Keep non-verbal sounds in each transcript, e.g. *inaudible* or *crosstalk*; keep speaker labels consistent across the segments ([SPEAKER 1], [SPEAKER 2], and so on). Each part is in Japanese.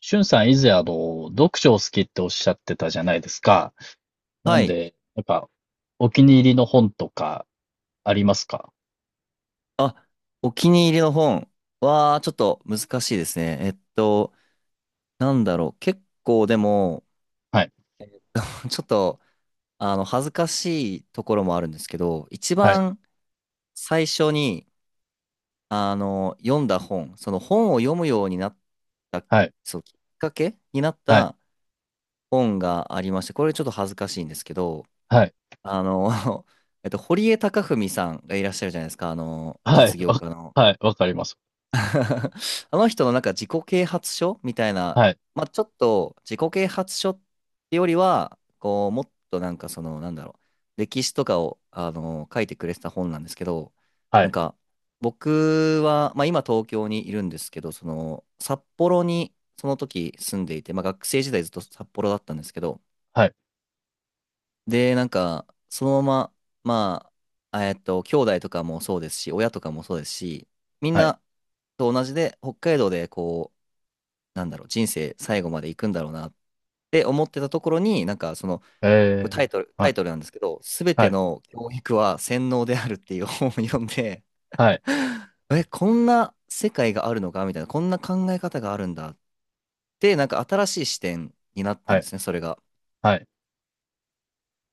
[SPEAKER 1] しゅんさん以前読書を好きっておっしゃってたじゃないですか。な
[SPEAKER 2] は
[SPEAKER 1] ん
[SPEAKER 2] い。
[SPEAKER 1] で、やっぱ、お気に入りの本とかありますか？
[SPEAKER 2] あ、お気に入りの本は、ちょっと難しいですね。なんだろう。結構でも、
[SPEAKER 1] はい、
[SPEAKER 2] *laughs* ちょっと、恥ずかしいところもあるんですけど、一
[SPEAKER 1] はい、
[SPEAKER 2] 番最初に、読んだ本、その本を読むようになった、
[SPEAKER 1] はい、
[SPEAKER 2] そう、きっかけになっ
[SPEAKER 1] はい、
[SPEAKER 2] た本がありまして、これちょっと恥ずかしいんですけど、
[SPEAKER 1] はい、
[SPEAKER 2] あの、*laughs* 堀江貴文さんがいらっしゃるじゃないですか、あの、
[SPEAKER 1] はい、
[SPEAKER 2] 実業
[SPEAKER 1] わ、
[SPEAKER 2] 家の。
[SPEAKER 1] はい、わかります。
[SPEAKER 2] *laughs* あの人のなんか自己啓発書みたいな、
[SPEAKER 1] はい、
[SPEAKER 2] まあ、ちょっと自己啓発書ってよりは、こう、もっとなんかその、なんだろう、歴史とかを、あの書いてくれてた本なんですけど、
[SPEAKER 1] は
[SPEAKER 2] なん
[SPEAKER 1] い、
[SPEAKER 2] か、僕は、まあ、今東京にいるんですけど、その、札幌にその時住んでいて、まあ、学生時代ずっと札幌だったんですけど、
[SPEAKER 1] はい、
[SPEAKER 2] で、なんか、そのまま、まあ、兄弟とかもそうですし、親とかもそうですし、みん
[SPEAKER 1] はい、
[SPEAKER 2] なと同じで、北海道でこう、なんだろう、人生最後まで行くんだろうなって思ってたところに、なんかその、これ
[SPEAKER 1] え
[SPEAKER 2] タ
[SPEAKER 1] ー、
[SPEAKER 2] イトル、タ
[SPEAKER 1] はい、
[SPEAKER 2] イトルなんですけど、すべ
[SPEAKER 1] は
[SPEAKER 2] て
[SPEAKER 1] い、
[SPEAKER 2] の教育は洗脳であるっていう本を読んで、
[SPEAKER 1] はい、
[SPEAKER 2] *laughs* え、こんな世界があるのかみたいな、こんな考え方があるんだって、なんか新しい視点になった
[SPEAKER 1] は
[SPEAKER 2] んで
[SPEAKER 1] い、
[SPEAKER 2] すね、それが。
[SPEAKER 1] はい、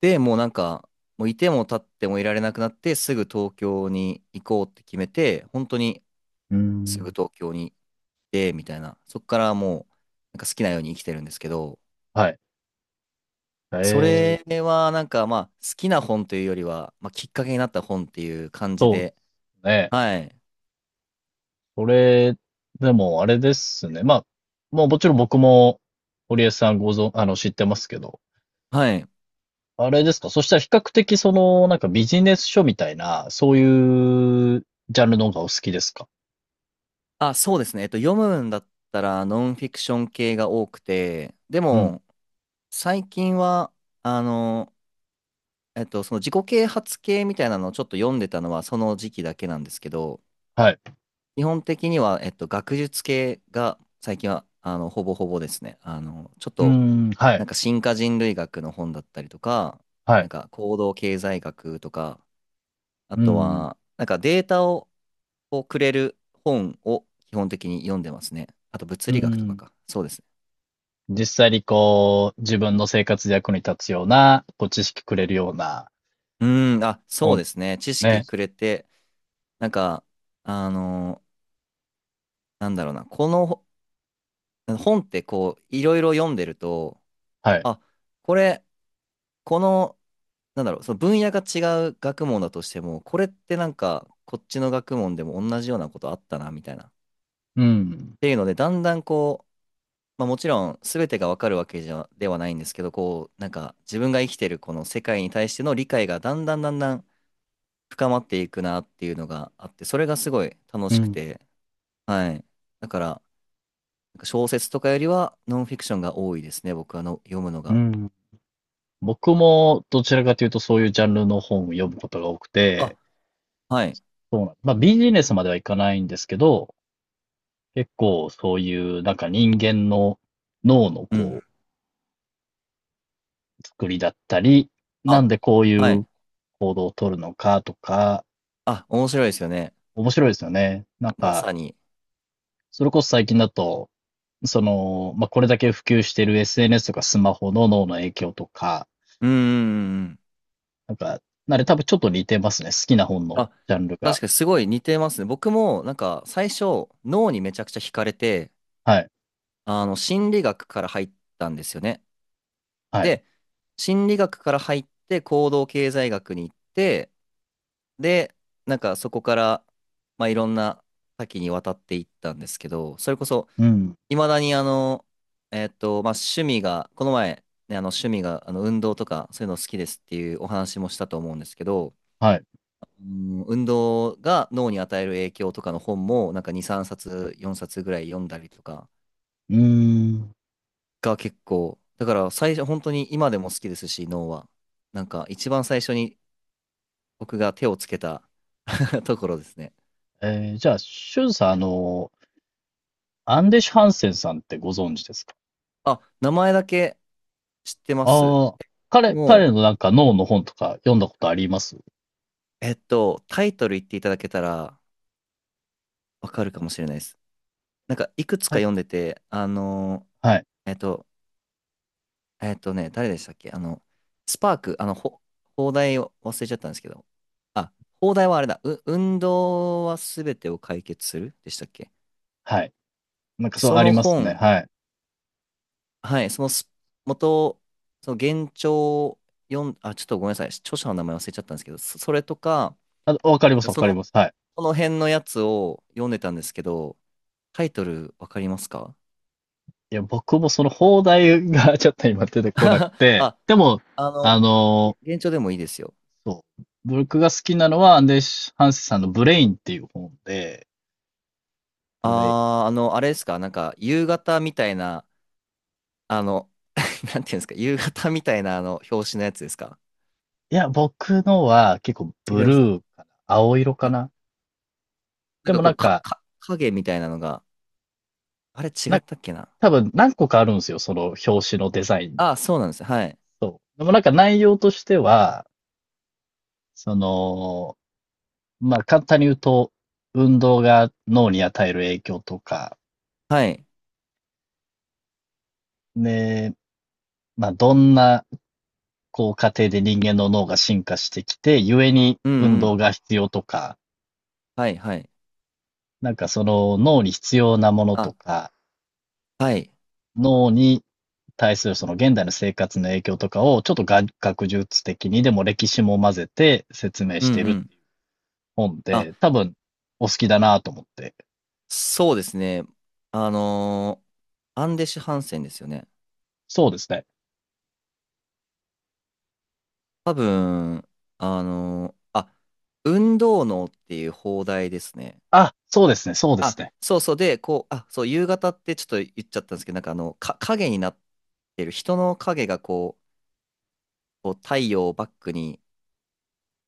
[SPEAKER 2] で、もうなんか、もういても立ってもいられなくなって、すぐ東京に行こうって決めて、本当に
[SPEAKER 1] うー
[SPEAKER 2] すぐ
[SPEAKER 1] ん、
[SPEAKER 2] 東京に行って、みたいな、そこからもう、なんか好きなように生きてるんですけど、
[SPEAKER 1] はい、え
[SPEAKER 2] そ
[SPEAKER 1] ー、
[SPEAKER 2] れはなんかまあ好きな本というよりは、まあ、きっかけになった本っていう感じ
[SPEAKER 1] そうで
[SPEAKER 2] で。
[SPEAKER 1] すね。
[SPEAKER 2] はい。
[SPEAKER 1] それ、でも
[SPEAKER 2] はい。
[SPEAKER 1] あれですか、そしたら比較的その、なんかビジネス書みたいな、そういうジャンルの方がお好きですか？
[SPEAKER 2] あ、そうですね。読むんだったらノンフィクション系が多くて、で
[SPEAKER 1] うん。
[SPEAKER 2] も最近は、あの、その自己啓発系みたいなのをちょっと読んでたのはその時期だけなんですけど、
[SPEAKER 1] はい。
[SPEAKER 2] 基本的には、学術系が最近は、あの、ほぼほぼですね。あの、ちょっ
[SPEAKER 1] う
[SPEAKER 2] と、
[SPEAKER 1] ん、は
[SPEAKER 2] なん
[SPEAKER 1] い。
[SPEAKER 2] か進化人類学の本だったりとか、
[SPEAKER 1] は
[SPEAKER 2] なん
[SPEAKER 1] い。
[SPEAKER 2] か行動経済学とか、あ
[SPEAKER 1] う
[SPEAKER 2] と
[SPEAKER 1] ん、
[SPEAKER 2] は、なんかデータを、をくれる本を基本的に読んでますね。あと物
[SPEAKER 1] う
[SPEAKER 2] 理学とか
[SPEAKER 1] ん。
[SPEAKER 2] か。そうですね。
[SPEAKER 1] 実際にこう、自分の生活で役に立つような、こう、知識くれるような
[SPEAKER 2] うーん、あ、そう
[SPEAKER 1] 本っ
[SPEAKER 2] で
[SPEAKER 1] ていう
[SPEAKER 2] す
[SPEAKER 1] こと
[SPEAKER 2] ね。
[SPEAKER 1] で
[SPEAKER 2] 知
[SPEAKER 1] す
[SPEAKER 2] 識
[SPEAKER 1] ね。
[SPEAKER 2] くれて、なんか、あのーなんだろうな。このほ本ってこう、いろいろ読んでると、
[SPEAKER 1] はい。
[SPEAKER 2] あ、これ、この、なんだろう、その分野が違う学問だとしても、これってなんか、こっちの学問でも同じようなことあったな、みたいな。っ
[SPEAKER 1] うん、
[SPEAKER 2] ていうので、だんだんこう、まあ、もちろん全てがわかるわけじゃではないんですけど、こうなんか自分が生きてるこの世界に対しての理解がだんだんだんだん深まっていくなっていうのがあって、それがすごい楽
[SPEAKER 1] う
[SPEAKER 2] しく
[SPEAKER 1] ん、
[SPEAKER 2] て、はい、だからなんか小説とかよりはノンフィクションが多いですね、僕はの読むの
[SPEAKER 1] う
[SPEAKER 2] が。
[SPEAKER 1] ん。僕もどちらかというとそういうジャンルの本を読むことが多く
[SPEAKER 2] あ、
[SPEAKER 1] て、
[SPEAKER 2] はい、
[SPEAKER 1] そうなん、まあビジネスまではいかないんですけど、結構そういうなんか人間の脳の
[SPEAKER 2] うん、
[SPEAKER 1] こう作りだったり、なん
[SPEAKER 2] あ、
[SPEAKER 1] でこうい
[SPEAKER 2] は
[SPEAKER 1] う
[SPEAKER 2] い、
[SPEAKER 1] 行動を取るのかとか、
[SPEAKER 2] あ、面白いですよね、
[SPEAKER 1] 面白いですよね。なん
[SPEAKER 2] ま
[SPEAKER 1] か、
[SPEAKER 2] さに。
[SPEAKER 1] それこそ最近だと、その、まあ、これだけ普及している SNS とかスマホの脳の影響とか、
[SPEAKER 2] うんうんうんうん。
[SPEAKER 1] なんか、あれ多分ちょっと似てますね。好きな本
[SPEAKER 2] あ、
[SPEAKER 1] のジャンルが。
[SPEAKER 2] 確かにすごい似てますね。僕もなんか最初脳にめちゃくちゃ惹かれて、
[SPEAKER 1] はい。
[SPEAKER 2] あの、心理学から入ったんですよね。
[SPEAKER 1] はい。
[SPEAKER 2] で、心理学から入って行動経済学に行って、で、なんかそこから、まあ、いろんな多岐にわたっていったんですけど、それこそ、
[SPEAKER 1] うん。
[SPEAKER 2] いまだにあの、まあ、趣味が、この前、ね、あの趣味があの運動とかそういうの好きですっていうお話もしたと思うんですけど、
[SPEAKER 1] はい。
[SPEAKER 2] うん、運動が脳に与える影響とかの本もなんか2、3冊、4冊ぐらい読んだりとか
[SPEAKER 1] うーん。
[SPEAKER 2] が結構、だから最初、本当に今でも好きですし、脳は。なんか一番最初に僕が手をつけた *laughs* ところですね。
[SPEAKER 1] えーじゃあ、シュンさん、アンデシュ・ハンセンさんってご存知ですか？
[SPEAKER 2] あ、名前だけ知ってます。
[SPEAKER 1] ああ、
[SPEAKER 2] で
[SPEAKER 1] 彼
[SPEAKER 2] も、
[SPEAKER 1] のなんか脳の本とか読んだことあります？
[SPEAKER 2] タイトル言っていただけたらわかるかもしれないです。なんかいくつ
[SPEAKER 1] は
[SPEAKER 2] か
[SPEAKER 1] い。
[SPEAKER 2] 読んでて、
[SPEAKER 1] はい。
[SPEAKER 2] ー、えっと、誰でしたっけあの、スパーク、あの、ほ、邦題を忘れちゃったんですけど、あ、邦題はあれだ、う、運動はすべてを解決するでしたっけ。
[SPEAKER 1] はい。なんかそう
[SPEAKER 2] そ
[SPEAKER 1] あり
[SPEAKER 2] の
[SPEAKER 1] ますね。
[SPEAKER 2] 本
[SPEAKER 1] はい。
[SPEAKER 2] はい、そのす元、その原著を読ん、あ、ちょっとごめんなさい、著者の名前忘れちゃったんですけど、そ、それとか、
[SPEAKER 1] あ、わかり
[SPEAKER 2] な
[SPEAKER 1] ま
[SPEAKER 2] ん
[SPEAKER 1] す、
[SPEAKER 2] か
[SPEAKER 1] わ
[SPEAKER 2] そ
[SPEAKER 1] かり
[SPEAKER 2] の、
[SPEAKER 1] ます。はい。
[SPEAKER 2] その辺のやつを読んでたんですけど、タイトルわかりますか？
[SPEAKER 1] いや、僕もその邦題が *laughs* ちょっと今出てこなく
[SPEAKER 2] *laughs*
[SPEAKER 1] て、
[SPEAKER 2] あ、
[SPEAKER 1] でも、
[SPEAKER 2] あの、
[SPEAKER 1] あの
[SPEAKER 2] げ原著でもいいですよ。
[SPEAKER 1] そう。僕が好きなのはアンデシュ・ハンセさんのブレインっていう本で、ブレイン。
[SPEAKER 2] あー、あの、あれですか、なんか夕方みたいな、あの、*laughs* なんていうんですか、夕方みたいなあの表紙のやつですか？
[SPEAKER 1] いや、僕のは結構
[SPEAKER 2] 違
[SPEAKER 1] ブ
[SPEAKER 2] いま
[SPEAKER 1] ル
[SPEAKER 2] す。
[SPEAKER 1] ーかな。青色か
[SPEAKER 2] あ、
[SPEAKER 1] な。
[SPEAKER 2] な
[SPEAKER 1] で
[SPEAKER 2] ん
[SPEAKER 1] も
[SPEAKER 2] かこ
[SPEAKER 1] なん
[SPEAKER 2] う、か、
[SPEAKER 1] か、
[SPEAKER 2] か、影みたいなのが、あれ違っ
[SPEAKER 1] な、
[SPEAKER 2] たっけな。
[SPEAKER 1] 多分何個かあるんですよ。その表紙のデザイン。
[SPEAKER 2] あ、そうなんです。はい。
[SPEAKER 1] そう。でもなんか内容としては、その、まあ、簡単に言うと、運動が脳に与える影響とか、
[SPEAKER 2] はい。
[SPEAKER 1] で、まあ、どんな、こう、過程で人間の脳が進化してきて、故に
[SPEAKER 2] う
[SPEAKER 1] 運
[SPEAKER 2] んう
[SPEAKER 1] 動
[SPEAKER 2] ん。
[SPEAKER 1] が必要とか、
[SPEAKER 2] はいはい。
[SPEAKER 1] なんかその脳に必要なものと
[SPEAKER 2] あ、
[SPEAKER 1] か、
[SPEAKER 2] はい。
[SPEAKER 1] 脳に対するその現代の生活の影響とかを、ちょっと学術的にでも歴史も混ぜて説明
[SPEAKER 2] うん
[SPEAKER 1] して
[SPEAKER 2] う
[SPEAKER 1] る
[SPEAKER 2] ん。
[SPEAKER 1] 本
[SPEAKER 2] あ、
[SPEAKER 1] で、多分お好きだなと思って。
[SPEAKER 2] そうですね。あのーアンデシュ・ハンセンですよね。
[SPEAKER 1] そうですね。
[SPEAKER 2] 多分、あのーあ、運動能っていう放題ですね。
[SPEAKER 1] あ、そうですね、そうです
[SPEAKER 2] あ、
[SPEAKER 1] ね。
[SPEAKER 2] そうそう。で、こう、あ、そう、夕方ってちょっと言っちゃったんですけど、なんかあの、か、影になってる、人の影がこう、こう太陽をバックに、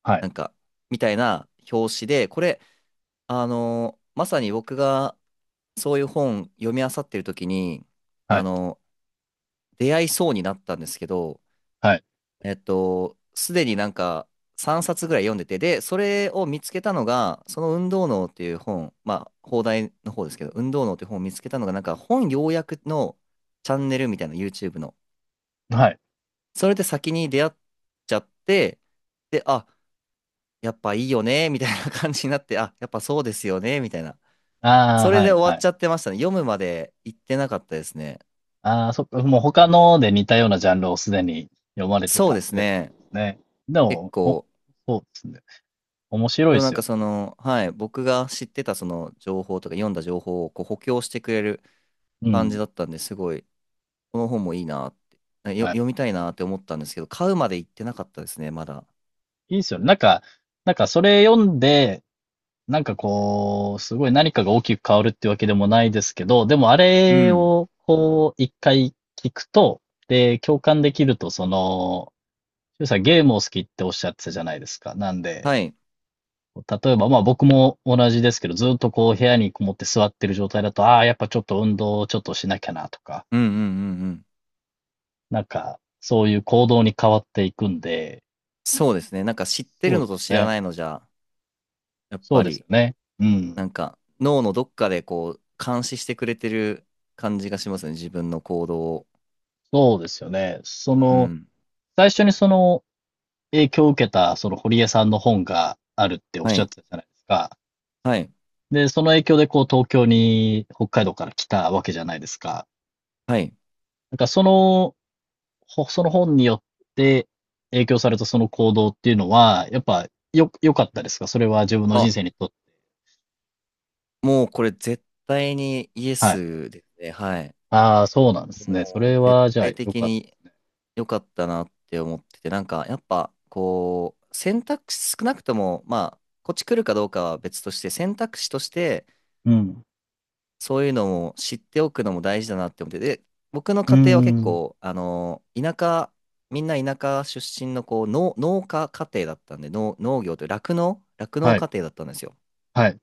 [SPEAKER 1] はい、
[SPEAKER 2] なんか、みたいな表紙で、これ、まさに僕がそういう本読み漁ってる時に、
[SPEAKER 1] は
[SPEAKER 2] あ
[SPEAKER 1] い、
[SPEAKER 2] の出会いそうになったんですけど、
[SPEAKER 1] はい。
[SPEAKER 2] すでになんか3冊ぐらい読んでて、で、それを見つけたのが、その運動脳っていう本、まあ、放題の方ですけど、運動脳っていう本を見つけたのが、なんか本要約のチャンネルみたいな YouTube の。
[SPEAKER 1] はい。
[SPEAKER 2] それで先に出会っちゃって、で、あ、やっぱいいよね、みたいな感じになって、あ、やっぱそうですよね、みたいな。
[SPEAKER 1] ああ、
[SPEAKER 2] それ
[SPEAKER 1] は
[SPEAKER 2] で
[SPEAKER 1] い、
[SPEAKER 2] 終
[SPEAKER 1] は
[SPEAKER 2] わっ
[SPEAKER 1] い。
[SPEAKER 2] ちゃってましたね。読むまで行ってなかったですね。
[SPEAKER 1] ああ、そっか、もう他ので似たようなジャンルをすでに読まれて
[SPEAKER 2] そう
[SPEAKER 1] た
[SPEAKER 2] で
[SPEAKER 1] ん
[SPEAKER 2] す
[SPEAKER 1] で、
[SPEAKER 2] ね。
[SPEAKER 1] ね。で
[SPEAKER 2] 結
[SPEAKER 1] も、お、
[SPEAKER 2] 構
[SPEAKER 1] そうですね。面白い
[SPEAKER 2] で
[SPEAKER 1] で
[SPEAKER 2] もなん
[SPEAKER 1] すよ
[SPEAKER 2] か
[SPEAKER 1] ね。
[SPEAKER 2] その、はい、僕が知ってたその情報とか読んだ情報をこう補強してくれる
[SPEAKER 1] う
[SPEAKER 2] 感
[SPEAKER 1] ん。
[SPEAKER 2] じだったんですごい、この本もいいなって、あよ、
[SPEAKER 1] はい。
[SPEAKER 2] 読みたいなって思ったんですけど、買うまで行ってなかったですね、まだ。
[SPEAKER 1] いいですよね。なんか、なんかそれ読んで、なんかこう、すごい何かが大きく変わるってわけでもないですけど、でもあ
[SPEAKER 2] う
[SPEAKER 1] れ
[SPEAKER 2] ん。
[SPEAKER 1] をこう、一回聞くと、で、共感できると、その、しゅうさんゲームを好きっておっしゃってたじゃないですか。なんで、
[SPEAKER 2] はい。
[SPEAKER 1] 例えば、まあ僕も同じですけど、ずっとこう部屋にこもって座ってる状態だと、ああ、やっぱちょっと運動をちょっとしなきゃなとか、
[SPEAKER 2] うんうんうんうん。
[SPEAKER 1] なんか、そういう行動に変わっていくんで、
[SPEAKER 2] そうですね。なんか知って
[SPEAKER 1] そ
[SPEAKER 2] る
[SPEAKER 1] う
[SPEAKER 2] の
[SPEAKER 1] です
[SPEAKER 2] と知ら
[SPEAKER 1] ね。
[SPEAKER 2] ないのじゃ、やっ
[SPEAKER 1] そう
[SPEAKER 2] ぱ
[SPEAKER 1] ですよ
[SPEAKER 2] り、
[SPEAKER 1] ね。うん。
[SPEAKER 2] なんか脳のどっかでこう、監視してくれてる感じがしますね、自分の行動を。
[SPEAKER 1] そうですよね。そ
[SPEAKER 2] う
[SPEAKER 1] の、
[SPEAKER 2] ん。
[SPEAKER 1] 最初にその影響を受けた、その堀江さんの本があるっておっ
[SPEAKER 2] は
[SPEAKER 1] しゃっ
[SPEAKER 2] い。
[SPEAKER 1] てたじゃないですか。
[SPEAKER 2] はい。
[SPEAKER 1] で、その影響でこう東京に北海道から来たわけじゃないですか。
[SPEAKER 2] はい。
[SPEAKER 1] なんかそのその本によって影響された、その行動っていうのは、やっぱ良かったですか、それは自分の人
[SPEAKER 2] あ、
[SPEAKER 1] 生にとって。
[SPEAKER 2] もうこれ絶対にイエ
[SPEAKER 1] はい。
[SPEAKER 2] スですね。はい。
[SPEAKER 1] ああ、そうなんですね。そ
[SPEAKER 2] もう
[SPEAKER 1] れ
[SPEAKER 2] 絶
[SPEAKER 1] は、じゃあ、
[SPEAKER 2] 対
[SPEAKER 1] 良
[SPEAKER 2] 的
[SPEAKER 1] かっ
[SPEAKER 2] に良かったなって思ってて、なんかやっぱこう、選択肢少なくとも、まあ、こっち来るかどうかは別として、選択肢として
[SPEAKER 1] た。うん。
[SPEAKER 2] そういうのも知っておくのも大事だなって思って、で、僕の
[SPEAKER 1] う
[SPEAKER 2] 家庭は結
[SPEAKER 1] ん、
[SPEAKER 2] 構、あの、田舎、みんな田舎出身のこう農、農家家庭だったんで、農、農業という酪農、酪農
[SPEAKER 1] はい、
[SPEAKER 2] 家庭だったんですよ。
[SPEAKER 1] はい、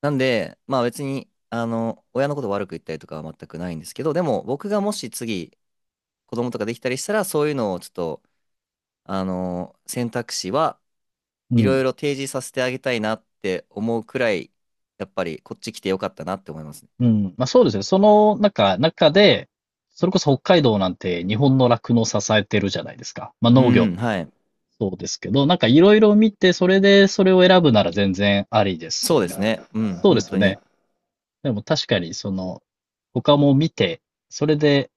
[SPEAKER 2] なんで、まあ別に、あの、親のこと悪く言ったりとかは全くないんですけど、でも僕がもし次、子供とかできたりしたら、そういうのをちょっと、選択肢は
[SPEAKER 1] う
[SPEAKER 2] いろ
[SPEAKER 1] ん。
[SPEAKER 2] いろ提示させてあげたいなって思うくらい、やっぱりこっち来てよかったなって思いますね。
[SPEAKER 1] うん。まあ、そうですね。その、中で、それこそ北海道なんて日本の酪農を支えてるじゃないですか。まあ、
[SPEAKER 2] う
[SPEAKER 1] 農業
[SPEAKER 2] ん、
[SPEAKER 1] も
[SPEAKER 2] はい。
[SPEAKER 1] そうですけど、なんかいろいろ見て、それでそれを選ぶなら全然ありです
[SPEAKER 2] そう
[SPEAKER 1] よ
[SPEAKER 2] で
[SPEAKER 1] ね。
[SPEAKER 2] すね。うん、
[SPEAKER 1] そうで
[SPEAKER 2] 本
[SPEAKER 1] すよ
[SPEAKER 2] 当に。
[SPEAKER 1] ね。でも確かに、その、他も見て、それで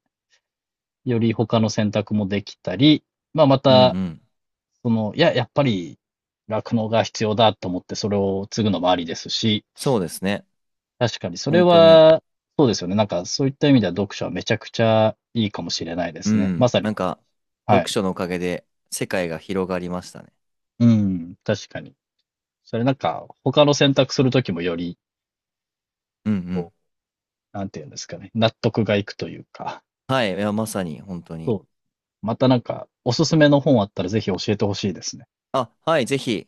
[SPEAKER 1] より他の選択もできたり、まあ、ま
[SPEAKER 2] うん
[SPEAKER 1] た、
[SPEAKER 2] うん。
[SPEAKER 1] その、いや、やっぱり、酪農が必要だと思って、それを継ぐのもありですし、
[SPEAKER 2] そうですね。
[SPEAKER 1] 確かにそれ
[SPEAKER 2] 本当に。
[SPEAKER 1] は、そうですよね。なんか、そういった意味では読書はめちゃくちゃいいかもしれないで
[SPEAKER 2] う
[SPEAKER 1] すね。ま
[SPEAKER 2] ん、
[SPEAKER 1] さ
[SPEAKER 2] な
[SPEAKER 1] に。
[SPEAKER 2] んか、
[SPEAKER 1] は
[SPEAKER 2] 読
[SPEAKER 1] い。
[SPEAKER 2] 書のおかげで世界が広がりましたね。
[SPEAKER 1] うん、確かに。それなんか、他の選択するときもより、
[SPEAKER 2] うんう
[SPEAKER 1] こ
[SPEAKER 2] ん。
[SPEAKER 1] う、なんていうんですかね、納得がいくというか、
[SPEAKER 2] はい、いや、まさに、本当に。
[SPEAKER 1] そう。またなんか、おすすめの本あったらぜひ教えてほしいですね。
[SPEAKER 2] あ、はい、ぜひ。